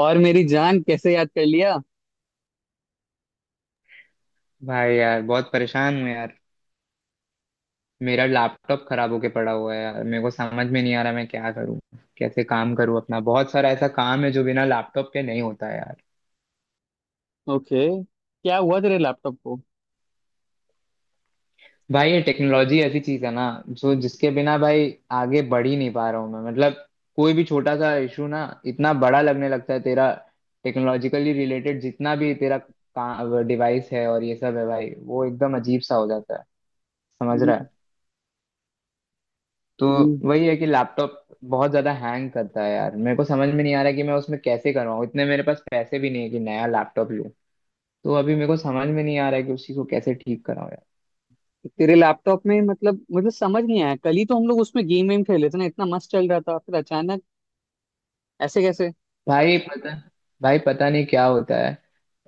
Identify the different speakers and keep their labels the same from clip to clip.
Speaker 1: और मेरी जान कैसे याद कर लिया।
Speaker 2: भाई यार बहुत परेशान हूँ यार। मेरा लैपटॉप खराब होके पड़ा हुआ है यार। मेरे को समझ में नहीं आ रहा मैं क्या करूँ, कैसे काम करूँ। अपना बहुत सारा ऐसा काम है जो बिना लैपटॉप के नहीं होता है यार।
Speaker 1: ओके, क्या हुआ तेरे लैपटॉप को?
Speaker 2: भाई ये टेक्नोलॉजी ऐसी चीज है ना जो जिसके बिना भाई आगे बढ़ ही नहीं पा रहा हूँ मैं, मतलब कोई भी छोटा सा इशू ना इतना बड़ा लगने लगता है। तेरा टेक्नोलॉजिकली रिलेटेड जितना भी तेरा डिवाइस है और ये सब है भाई, वो एकदम अजीब सा हो जाता है। समझ रहा
Speaker 1: हम्म,
Speaker 2: है। तो
Speaker 1: हम्म।
Speaker 2: वही है कि लैपटॉप बहुत ज्यादा हैंग करता है यार। मेरे को समझ में नहीं आ रहा कि मैं उसमें कैसे करवाऊँ, इतने मेरे पास पैसे भी नहीं है कि नया लैपटॉप लूँ। तो अभी मेरे को समझ में नहीं आ रहा है कि उसी को कैसे ठीक कराऊँ यार।
Speaker 1: तेरे लैपटॉप में मतलब मुझे समझ नहीं आया, कल ही तो हम लोग उसमें गेम वेम खेले थे ना, इतना मस्त चल रहा था फिर अचानक ऐसे कैसे?
Speaker 2: भाई पता भाई पता नहीं क्या होता है।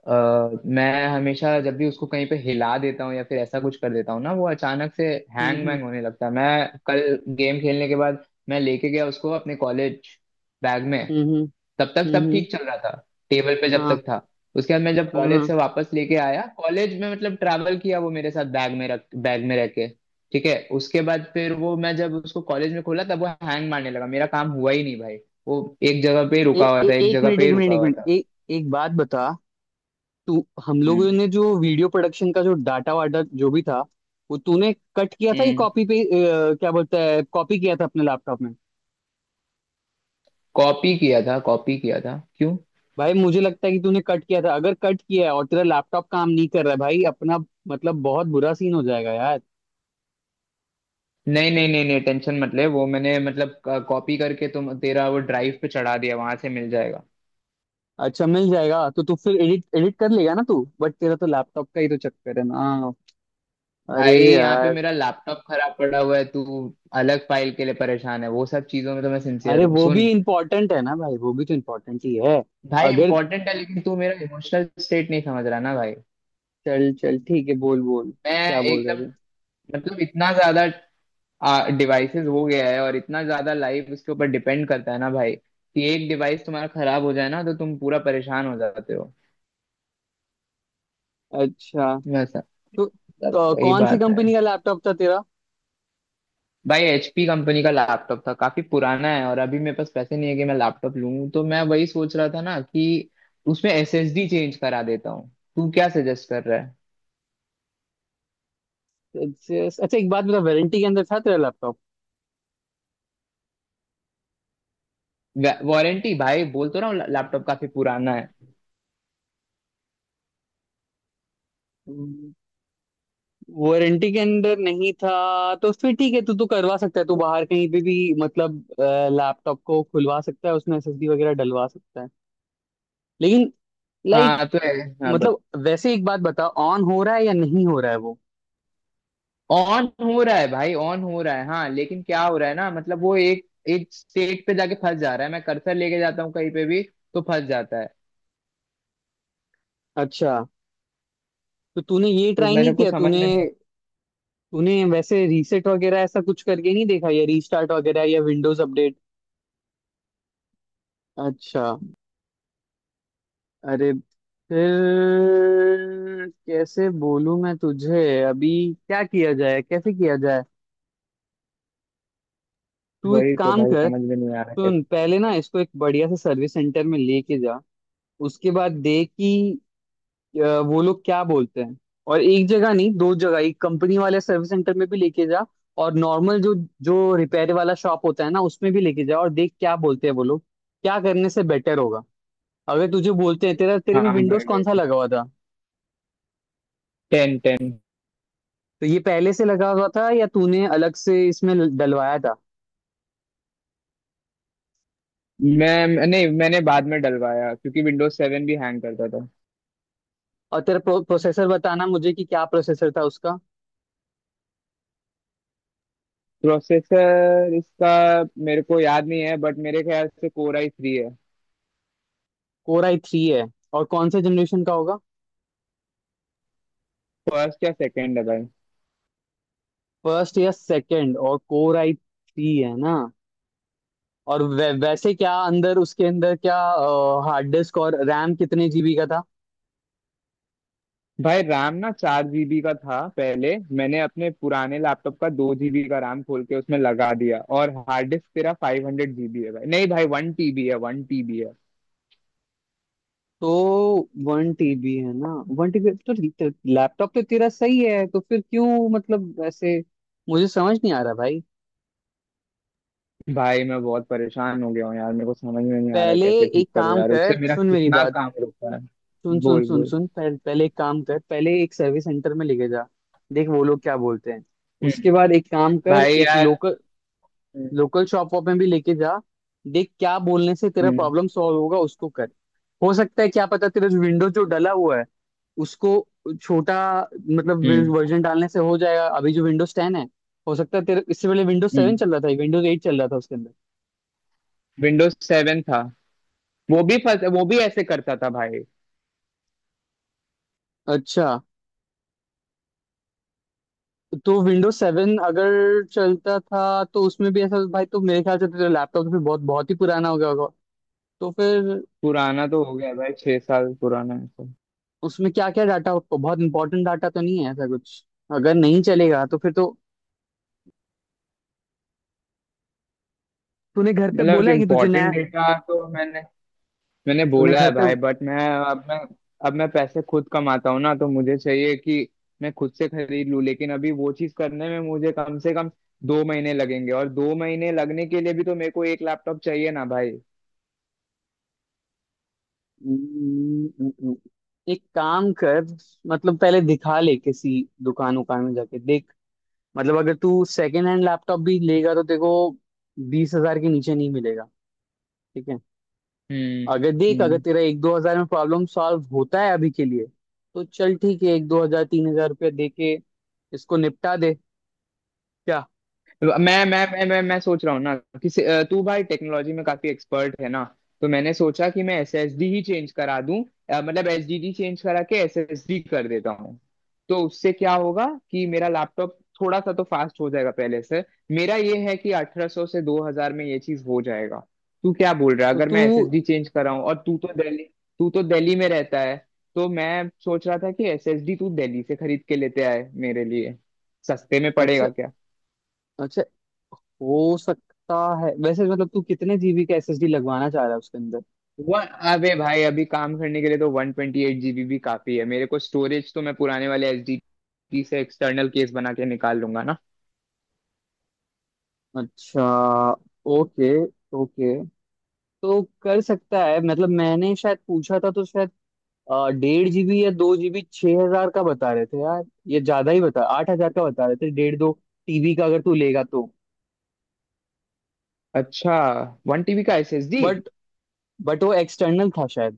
Speaker 2: अ, मैं हमेशा जब भी उसको कहीं पे हिला देता हूँ या फिर ऐसा कुछ कर देता हूँ ना वो अचानक से
Speaker 1: हम्म,
Speaker 2: हैंग
Speaker 1: हम्म,
Speaker 2: वैंग होने लगता है। मैं कल गेम खेलने के बाद मैं लेके गया उसको अपने कॉलेज बैग में।
Speaker 1: हम्म, हम्म,
Speaker 2: तब तक सब ठीक चल रहा था। टेबल पे जब
Speaker 1: हाँ,
Speaker 2: तक था। उसके बाद मैं जब
Speaker 1: हाँ,
Speaker 2: कॉलेज से
Speaker 1: हाँ।
Speaker 2: वापस लेके आया, कॉलेज में मतलब ट्रैवल किया वो मेरे साथ बैग में, रह के ठीक है। उसके बाद फिर वो मैं जब उसको कॉलेज में खोला तब वो हैंग मारने लगा। मेरा काम हुआ ही नहीं भाई। वो एक जगह पे ही
Speaker 1: ए,
Speaker 2: रुका हुआ
Speaker 1: ए,
Speaker 2: था, एक
Speaker 1: एक
Speaker 2: जगह
Speaker 1: मिनट,
Speaker 2: पे
Speaker 1: एक
Speaker 2: ही
Speaker 1: मिनट,
Speaker 2: रुका
Speaker 1: एक
Speaker 2: हुआ
Speaker 1: मिनट,
Speaker 2: था।
Speaker 1: ए, एक बात बता। तू, हम
Speaker 2: हम्म।
Speaker 1: लोगों ने जो वीडियो प्रोडक्शन का जो डाटा वाटा जो भी था, वो तूने कट किया था या
Speaker 2: हम्म।
Speaker 1: कॉपी पे? क्या बोलता है, कॉपी किया था अपने लैपटॉप में?
Speaker 2: कॉपी किया था, कॉपी किया था, क्यों।
Speaker 1: भाई, मुझे लगता है कि तूने कट किया था। अगर कट किया है और तेरा लैपटॉप काम नहीं कर रहा है भाई अपना, मतलब बहुत बुरा सीन हो जाएगा यार।
Speaker 2: नहीं, नहीं, नहीं, नहीं, टेंशन मत ले। वो मैंने मतलब कॉपी करके तुम तेरा वो ड्राइव पे चढ़ा दिया, वहां से मिल जाएगा।
Speaker 1: अच्छा, मिल जाएगा तो तू फिर एडिट एडिट कर लेगा ना तू, बट तेरा तो लैपटॉप का ही तो चक्कर है ना। अरे
Speaker 2: भाई यहाँ पे
Speaker 1: यार,
Speaker 2: मेरा लैपटॉप खराब पड़ा हुआ है, तू अलग फाइल के लिए परेशान है। वो सब चीजों में तो मैं सिंसियर
Speaker 1: अरे
Speaker 2: हूँ
Speaker 1: वो भी
Speaker 2: सुन।
Speaker 1: इम्पोर्टेंट है ना भाई, वो भी तो इम्पोर्टेंट ही है।
Speaker 2: भाई
Speaker 1: अगर,
Speaker 2: इंपॉर्टेंट है लेकिन तू मेरा इमोशनल स्टेट नहीं समझ रहा ना भाई।
Speaker 1: चल चल ठीक है, बोल बोल
Speaker 2: मैं
Speaker 1: क्या बोल रहे
Speaker 2: एकदम,
Speaker 1: तू।
Speaker 2: मतलब इतना ज्यादा डिवाइसेस हो गया है और इतना ज्यादा लाइफ उसके ऊपर डिपेंड करता है ना भाई कि एक डिवाइस तुम्हारा खराब हो जाए ना तो तुम पूरा परेशान हो जाते हो।
Speaker 1: अच्छा।
Speaker 2: वैसा,
Speaker 1: तो,
Speaker 2: मतलब
Speaker 1: तो
Speaker 2: वही
Speaker 1: कौन सी
Speaker 2: बात है।
Speaker 1: कंपनी का लैपटॉप था तेरा?
Speaker 2: भाई HP कंपनी का लैपटॉप था, काफी पुराना है और अभी मेरे पास पैसे नहीं है कि मैं लैपटॉप लूं। तो मैं वही सोच रहा था ना कि उसमें SSD चेंज करा देता हूँ। तू क्या सजेस्ट कर रहा।
Speaker 1: अच्छा, अच्छा, एक बात बता, वारंटी के अंदर था तेरा
Speaker 2: है वारंटी भाई, बोल तो रहा हूँ लैपटॉप काफी पुराना है।
Speaker 1: लैपटॉप? वारंटी के अंदर नहीं था तो फिर ठीक है। तू तो करवा सकता है, तू बाहर कहीं पे भी मतलब लैपटॉप को खुलवा सकता है, उसमें एसएसडी वगैरह डलवा सकता है। लेकिन, लाइक,
Speaker 2: हाँ तो है। हाँ बत
Speaker 1: मतलब वैसे एक बात बता, ऑन हो रहा है या नहीं हो रहा है वो?
Speaker 2: ऑन हो रहा है भाई, ऑन हो रहा है। हाँ लेकिन क्या हो रहा है ना, मतलब वो एक एक स्टेट पे जाके फंस जा रहा है। मैं कर्सर लेके जाता हूँ कहीं पे भी तो फंस जाता है।
Speaker 1: अच्छा, तो तूने ये
Speaker 2: तो
Speaker 1: ट्राई नहीं
Speaker 2: मेरे को
Speaker 1: किया?
Speaker 2: समझ
Speaker 1: तूने
Speaker 2: में नहीं
Speaker 1: तूने वैसे रीसेट वगैरह ऐसा कुछ करके नहीं देखा, या रीस्टार्ट वगैरह या विंडोज अपडेट? अच्छा। अरे, फिर कैसे बोलूं मैं तुझे अभी, क्या किया जाए, कैसे किया जाए। तू एक
Speaker 2: वही तो
Speaker 1: काम
Speaker 2: भाई
Speaker 1: कर,
Speaker 2: समझ में नहीं आ रहा
Speaker 1: सुन,
Speaker 2: कैसे।
Speaker 1: पहले ना इसको एक बढ़िया से सर्विस सेंटर में लेके जा। उसके बाद देख कि वो लोग क्या बोलते हैं। और एक जगह नहीं, दो जगह, एक कंपनी वाले सर्विस सेंटर में भी लेके जा, और नॉर्मल जो जो रिपेयर वाला शॉप होता है ना, उसमें भी लेके जा और देख क्या बोलते हैं वो लोग, क्या करने से बेटर होगा। अगर तुझे बोलते हैं, तेरा तेरे में
Speaker 2: हाँ
Speaker 1: विंडोज
Speaker 2: भाई।
Speaker 1: कौन सा लगा हुआ था?
Speaker 2: टेन टेन
Speaker 1: तो ये पहले से लगा हुआ था या तूने अलग से इसमें डलवाया था?
Speaker 2: मैं नहीं, मैंने बाद में डलवाया क्योंकि Windows 7 भी हैंग करता था।
Speaker 1: और तेरा प्रोसेसर बताना मुझे कि क्या प्रोसेसर था उसका।
Speaker 2: प्रोसेसर इसका मेरे को याद नहीं है, बट मेरे ख्याल से Core i3 है।
Speaker 1: कोर आई थ्री है? और कौन से जनरेशन का होगा?
Speaker 2: फर्स्ट या सेकंड है भाई।
Speaker 1: फर्स्ट या सेकंड, और कोर आई थ्री है ना? और वैसे क्या अंदर, उसके अंदर क्या हार्ड डिस्क और रैम कितने जीबी का था?
Speaker 2: भाई रैम ना 4 GB का था, पहले मैंने अपने पुराने लैपटॉप का 2 GB का रैम खोल के उसमें लगा दिया। और हार्ड डिस्क तेरा 500 GB है भाई, नहीं भाई 1 TB है, वन टीबी है।
Speaker 1: तो 1 टीबी है ना? One TB. तो लैपटॉप तो तेरा सही है, तो फिर क्यों, मतलब ऐसे, मुझे समझ नहीं आ रहा भाई।
Speaker 2: भाई मैं बहुत परेशान हो गया हूँ यार, मेरे को समझ में नहीं आ रहा है
Speaker 1: पहले
Speaker 2: कैसे
Speaker 1: एक
Speaker 2: ठीक करो
Speaker 1: काम
Speaker 2: यार।
Speaker 1: कर,
Speaker 2: उससे मेरा
Speaker 1: सुन मेरी
Speaker 2: कितना
Speaker 1: बात।
Speaker 2: काम रुका है।
Speaker 1: सुन, सुन,
Speaker 2: बोल
Speaker 1: सुन,
Speaker 2: बोल।
Speaker 1: सुन, पहले एक काम कर, पहले एक सर्विस सेंटर में लेके जा। देख वो लोग क्या बोलते हैं। उसके
Speaker 2: हम्म।
Speaker 1: बाद एक काम कर,
Speaker 2: भाई
Speaker 1: एक
Speaker 2: यार।
Speaker 1: लोकल लोकल शॉप वॉप में भी लेके जा। देख क्या बोलने से तेरा
Speaker 2: हम्म
Speaker 1: प्रॉब्लम सॉल्व होगा, उसको कर। हो सकता है, क्या पता, तेरा जो विंडो जो डला हुआ है, उसको छोटा, मतलब
Speaker 2: हम्म।
Speaker 1: वर्जन डालने से हो जाएगा। अभी जो विंडोज 10 है, हो सकता है तेरे इससे पहले विंडोज 7
Speaker 2: हम्म।
Speaker 1: चल रहा था, विंडोज 8 चल रहा था उसके अंदर।
Speaker 2: विंडोज सेवन था। वो भी ऐसे करता था भाई।
Speaker 1: अच्छा। तो विंडोज सेवन अगर चलता था तो उसमें भी ऐसा, भाई तो मेरे ख्याल से तो तेरा लैपटॉप तो फिर बहुत बहुत ही पुराना हो गया होगा। तो फिर
Speaker 2: पुराना तो हो गया भाई, 6 साल पुराना है तो।
Speaker 1: उसमें क्या क्या डाटा, बहुत इंपॉर्टेंट डाटा तो नहीं है ऐसा कुछ? अगर नहीं चलेगा तो फिर तो, तूने घर पे
Speaker 2: मतलब
Speaker 1: बोला है कि तुझे नया,
Speaker 2: इम्पोर्टेंट डेटा तो मैंने मैंने
Speaker 1: तूने
Speaker 2: बोला
Speaker 1: घर
Speaker 2: है
Speaker 1: पे,
Speaker 2: भाई, बट मैं अब मैं अब मैं पैसे खुद कमाता हूँ ना। तो मुझे चाहिए कि मैं खुद से खरीद लूँ, लेकिन अभी वो चीज करने में मुझे कम से कम 2 महीने लगेंगे, और 2 महीने लगने के लिए भी तो मेरे को एक लैपटॉप चाहिए ना भाई।
Speaker 1: हम्म, एक काम कर, मतलब पहले दिखा ले किसी दुकान उकान में जाके देख। मतलब अगर तू सेकंड हैंड लैपटॉप भी लेगा तो तेरे को 20,000 के नीचे नहीं मिलेगा। ठीक है?
Speaker 2: हम्म
Speaker 1: अगर देख, अगर
Speaker 2: हम्म।
Speaker 1: तेरा एक दो हजार में प्रॉब्लम सॉल्व होता है अभी के लिए, तो चल ठीक है, एक दो हजार, 3,000 रुपया दे के इसको निपटा दे। क्या?
Speaker 2: मैं मैं सोच रहा हूँ ना कि तू भाई टेक्नोलॉजी में काफी एक्सपर्ट है ना। तो मैंने सोचा कि मैं SSD ही चेंज करा दूं। मतलब SDD चेंज करा के SSD कर देता हूँ। तो उससे क्या होगा कि मेरा लैपटॉप थोड़ा सा तो फास्ट हो जाएगा पहले से। मेरा ये है कि 1800 से 2000 में ये चीज हो जाएगा। तू क्या बोल रहा है
Speaker 1: तो
Speaker 2: अगर
Speaker 1: तू,
Speaker 2: मैं SSD चेंज कराऊं, और तू तो दिल्ली में रहता है। तो मैं सोच रहा था कि SSD तू दिल्ली से खरीद के लेते आए मेरे लिए, सस्ते में
Speaker 1: अच्छा,
Speaker 2: पड़ेगा क्या।
Speaker 1: अच्छा, हो सकता है। वैसे मतलब तू कितने जीबी का एसएसडी लगवाना चाह रहा है उसके अंदर?
Speaker 2: वन अबे भाई, अभी काम करने के लिए तो 128 GB भी काफी है। मेरे को स्टोरेज तो मैं पुराने वाले SD से एक्सटर्नल केस बना के निकाल लूंगा ना।
Speaker 1: अच्छा। Okay, okay. तो कर सकता है, मतलब मैंने शायद पूछा था, तो शायद 1.5 जीबी या 2 जीबी 6,000 का बता रहे थे यार। ये ज्यादा ही बता, 8,000 का बता रहे थे डेढ़ दो टीबी का अगर तू लेगा तो।
Speaker 2: अच्छा, 1 TB का एसएसडी।
Speaker 1: बट बट वो एक्सटर्नल था शायद।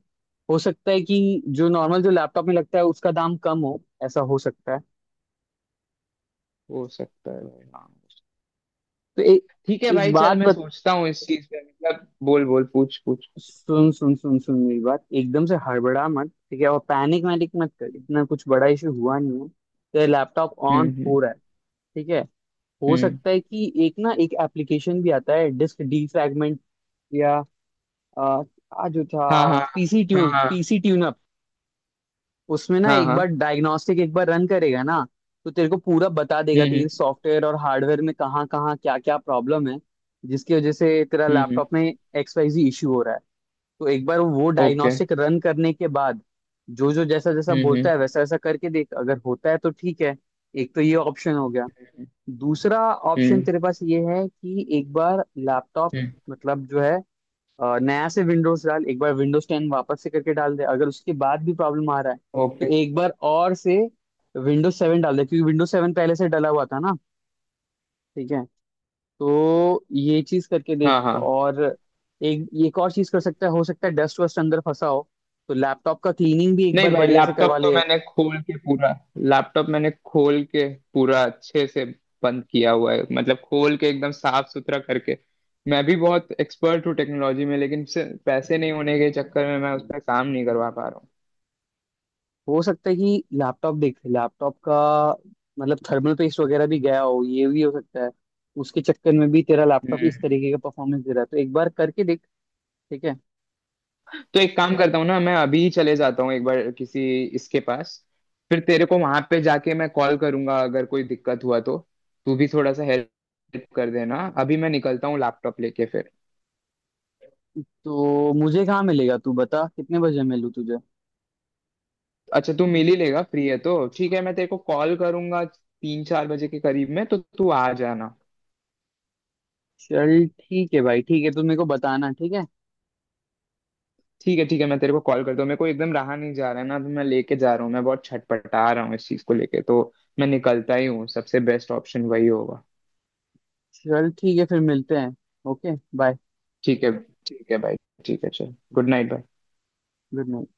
Speaker 1: हो सकता है कि जो नॉर्मल जो लैपटॉप में लगता है उसका दाम कम हो, ऐसा हो सकता है।
Speaker 2: हो सकता है भाई, हाँ।
Speaker 1: तो ए,
Speaker 2: ठीक है
Speaker 1: एक
Speaker 2: भाई, चल
Speaker 1: बात
Speaker 2: मैं सोचता हूँ इस चीज पे, मतलब बोल बोल, पूछ पूछ।
Speaker 1: सुन। सुन, सुन, सुन, मेरी बात, एकदम से हड़बड़ा मत। ठीक है? और पैनिक वैनिक मत कर, इतना कुछ बड़ा इशू हुआ नहीं है। तेरा लैपटॉप ऑन हो
Speaker 2: हम्म।
Speaker 1: रहा है, ठीक है? हो
Speaker 2: हम्म।
Speaker 1: सकता है कि, एक ना एक एप्लीकेशन भी आता है, डिस्क डीफ्रैगमेंट, या आ, आ जो
Speaker 2: हाँ
Speaker 1: था,
Speaker 2: हाँ। हाँ हाँ।
Speaker 1: PC tune-up. उसमें ना
Speaker 2: हाँ
Speaker 1: एक बार
Speaker 2: हाँ।
Speaker 1: डायग्नोस्टिक एक बार रन करेगा ना, तो तेरे को पूरा बता देगा, तेरे
Speaker 2: हम्म।
Speaker 1: सॉफ्टवेयर और हार्डवेयर में कहाँ कहाँ, क्या क्या प्रॉब्लम है, जिसकी वजह से तेरा
Speaker 2: हम्म हम्म,
Speaker 1: लैपटॉप में एक्स वाई जी इशू हो रहा है। तो एक बार वो
Speaker 2: ओके।
Speaker 1: डायग्नोस्टिक रन करने के बाद जो जो, जैसा जैसा
Speaker 2: हम्म,
Speaker 1: बोलता है,
Speaker 2: okay।
Speaker 1: वैसा वैसा करके देख। अगर होता है तो ठीक है। एक तो ये ऑप्शन हो गया।
Speaker 2: हम्म
Speaker 1: दूसरा ऑप्शन
Speaker 2: हम्म।
Speaker 1: तेरे पास ये है कि एक बार लैपटॉप
Speaker 2: हम्म।
Speaker 1: मतलब जो है, नया से विंडोज डाल। एक बार विंडोज टेन वापस से करके डाल दे। अगर उसके बाद भी प्रॉब्लम आ रहा है तो
Speaker 2: ओके।
Speaker 1: एक बार और से विंडोज सेवन डाल दे, क्योंकि विंडोज सेवन पहले से डला हुआ था ना। ठीक है? तो ये चीज करके
Speaker 2: हाँ
Speaker 1: देख।
Speaker 2: हाँ।
Speaker 1: और एक एक और चीज कर सकता है, हो सकता है डस्ट वस्ट अंदर फंसा हो, तो लैपटॉप का क्लीनिंग भी एक
Speaker 2: नहीं
Speaker 1: बार
Speaker 2: भाई,
Speaker 1: बढ़िया से
Speaker 2: लैपटॉप
Speaker 1: करवा
Speaker 2: तो
Speaker 1: ले।
Speaker 2: मैंने खोल के पूरा, लैपटॉप मैंने खोल के पूरा अच्छे से बंद किया हुआ है, मतलब खोल के एकदम साफ सुथरा करके। मैं भी बहुत एक्सपर्ट हूँ टेक्नोलॉजी में, लेकिन सिर्फ पैसे नहीं होने के चक्कर में मैं उस पर काम नहीं करवा पा रहा हूँ।
Speaker 1: हो सकता है कि लैपटॉप, देख, लैपटॉप का मतलब थर्मल पेस्ट वगैरह भी गया हो, ये भी हो सकता है। उसके चक्कर में भी तेरा लैपटॉप इस
Speaker 2: हम्म।
Speaker 1: तरीके का परफॉर्मेंस दे रहा है, तो एक बार करके देख। ठीक है?
Speaker 2: तो एक काम करता हूँ ना, मैं अभी ही चले जाता हूँ एक बार किसी इसके पास। फिर तेरे को वहां पे जाके मैं कॉल करूंगा अगर कोई दिक्कत हुआ तो। तू भी थोड़ा सा हेल्प कर देना। अभी मैं निकलता हूँ लैपटॉप लेके फिर।
Speaker 1: तो मुझे कहाँ मिलेगा, तू बता कितने बजे मिलूँ तुझे।
Speaker 2: अच्छा तू मिल ही लेगा, फ्री है तो ठीक है। मैं तेरे को कॉल करूंगा 3-4 बजे के करीब में, तो तू आ जाना।
Speaker 1: चल ठीक है भाई, ठीक है, तू मेरे को बताना। ठीक है।
Speaker 2: ठीक है, ठीक है, मैं तेरे को कॉल करता हूँ। मेरे को एकदम रहा नहीं जा रहा है ना, तो मैं लेके जा रहा हूँ। मैं बहुत छटपटा रहा हूँ इस चीज को लेके, तो मैं निकलता ही हूँ, सबसे बेस्ट ऑप्शन वही होगा।
Speaker 1: चल ठीक है, फिर मिलते हैं। Okay, bye.
Speaker 2: ठीक है। ठीक है भाई। ठीक है, चल, गुड नाइट भाई।
Speaker 1: Good night.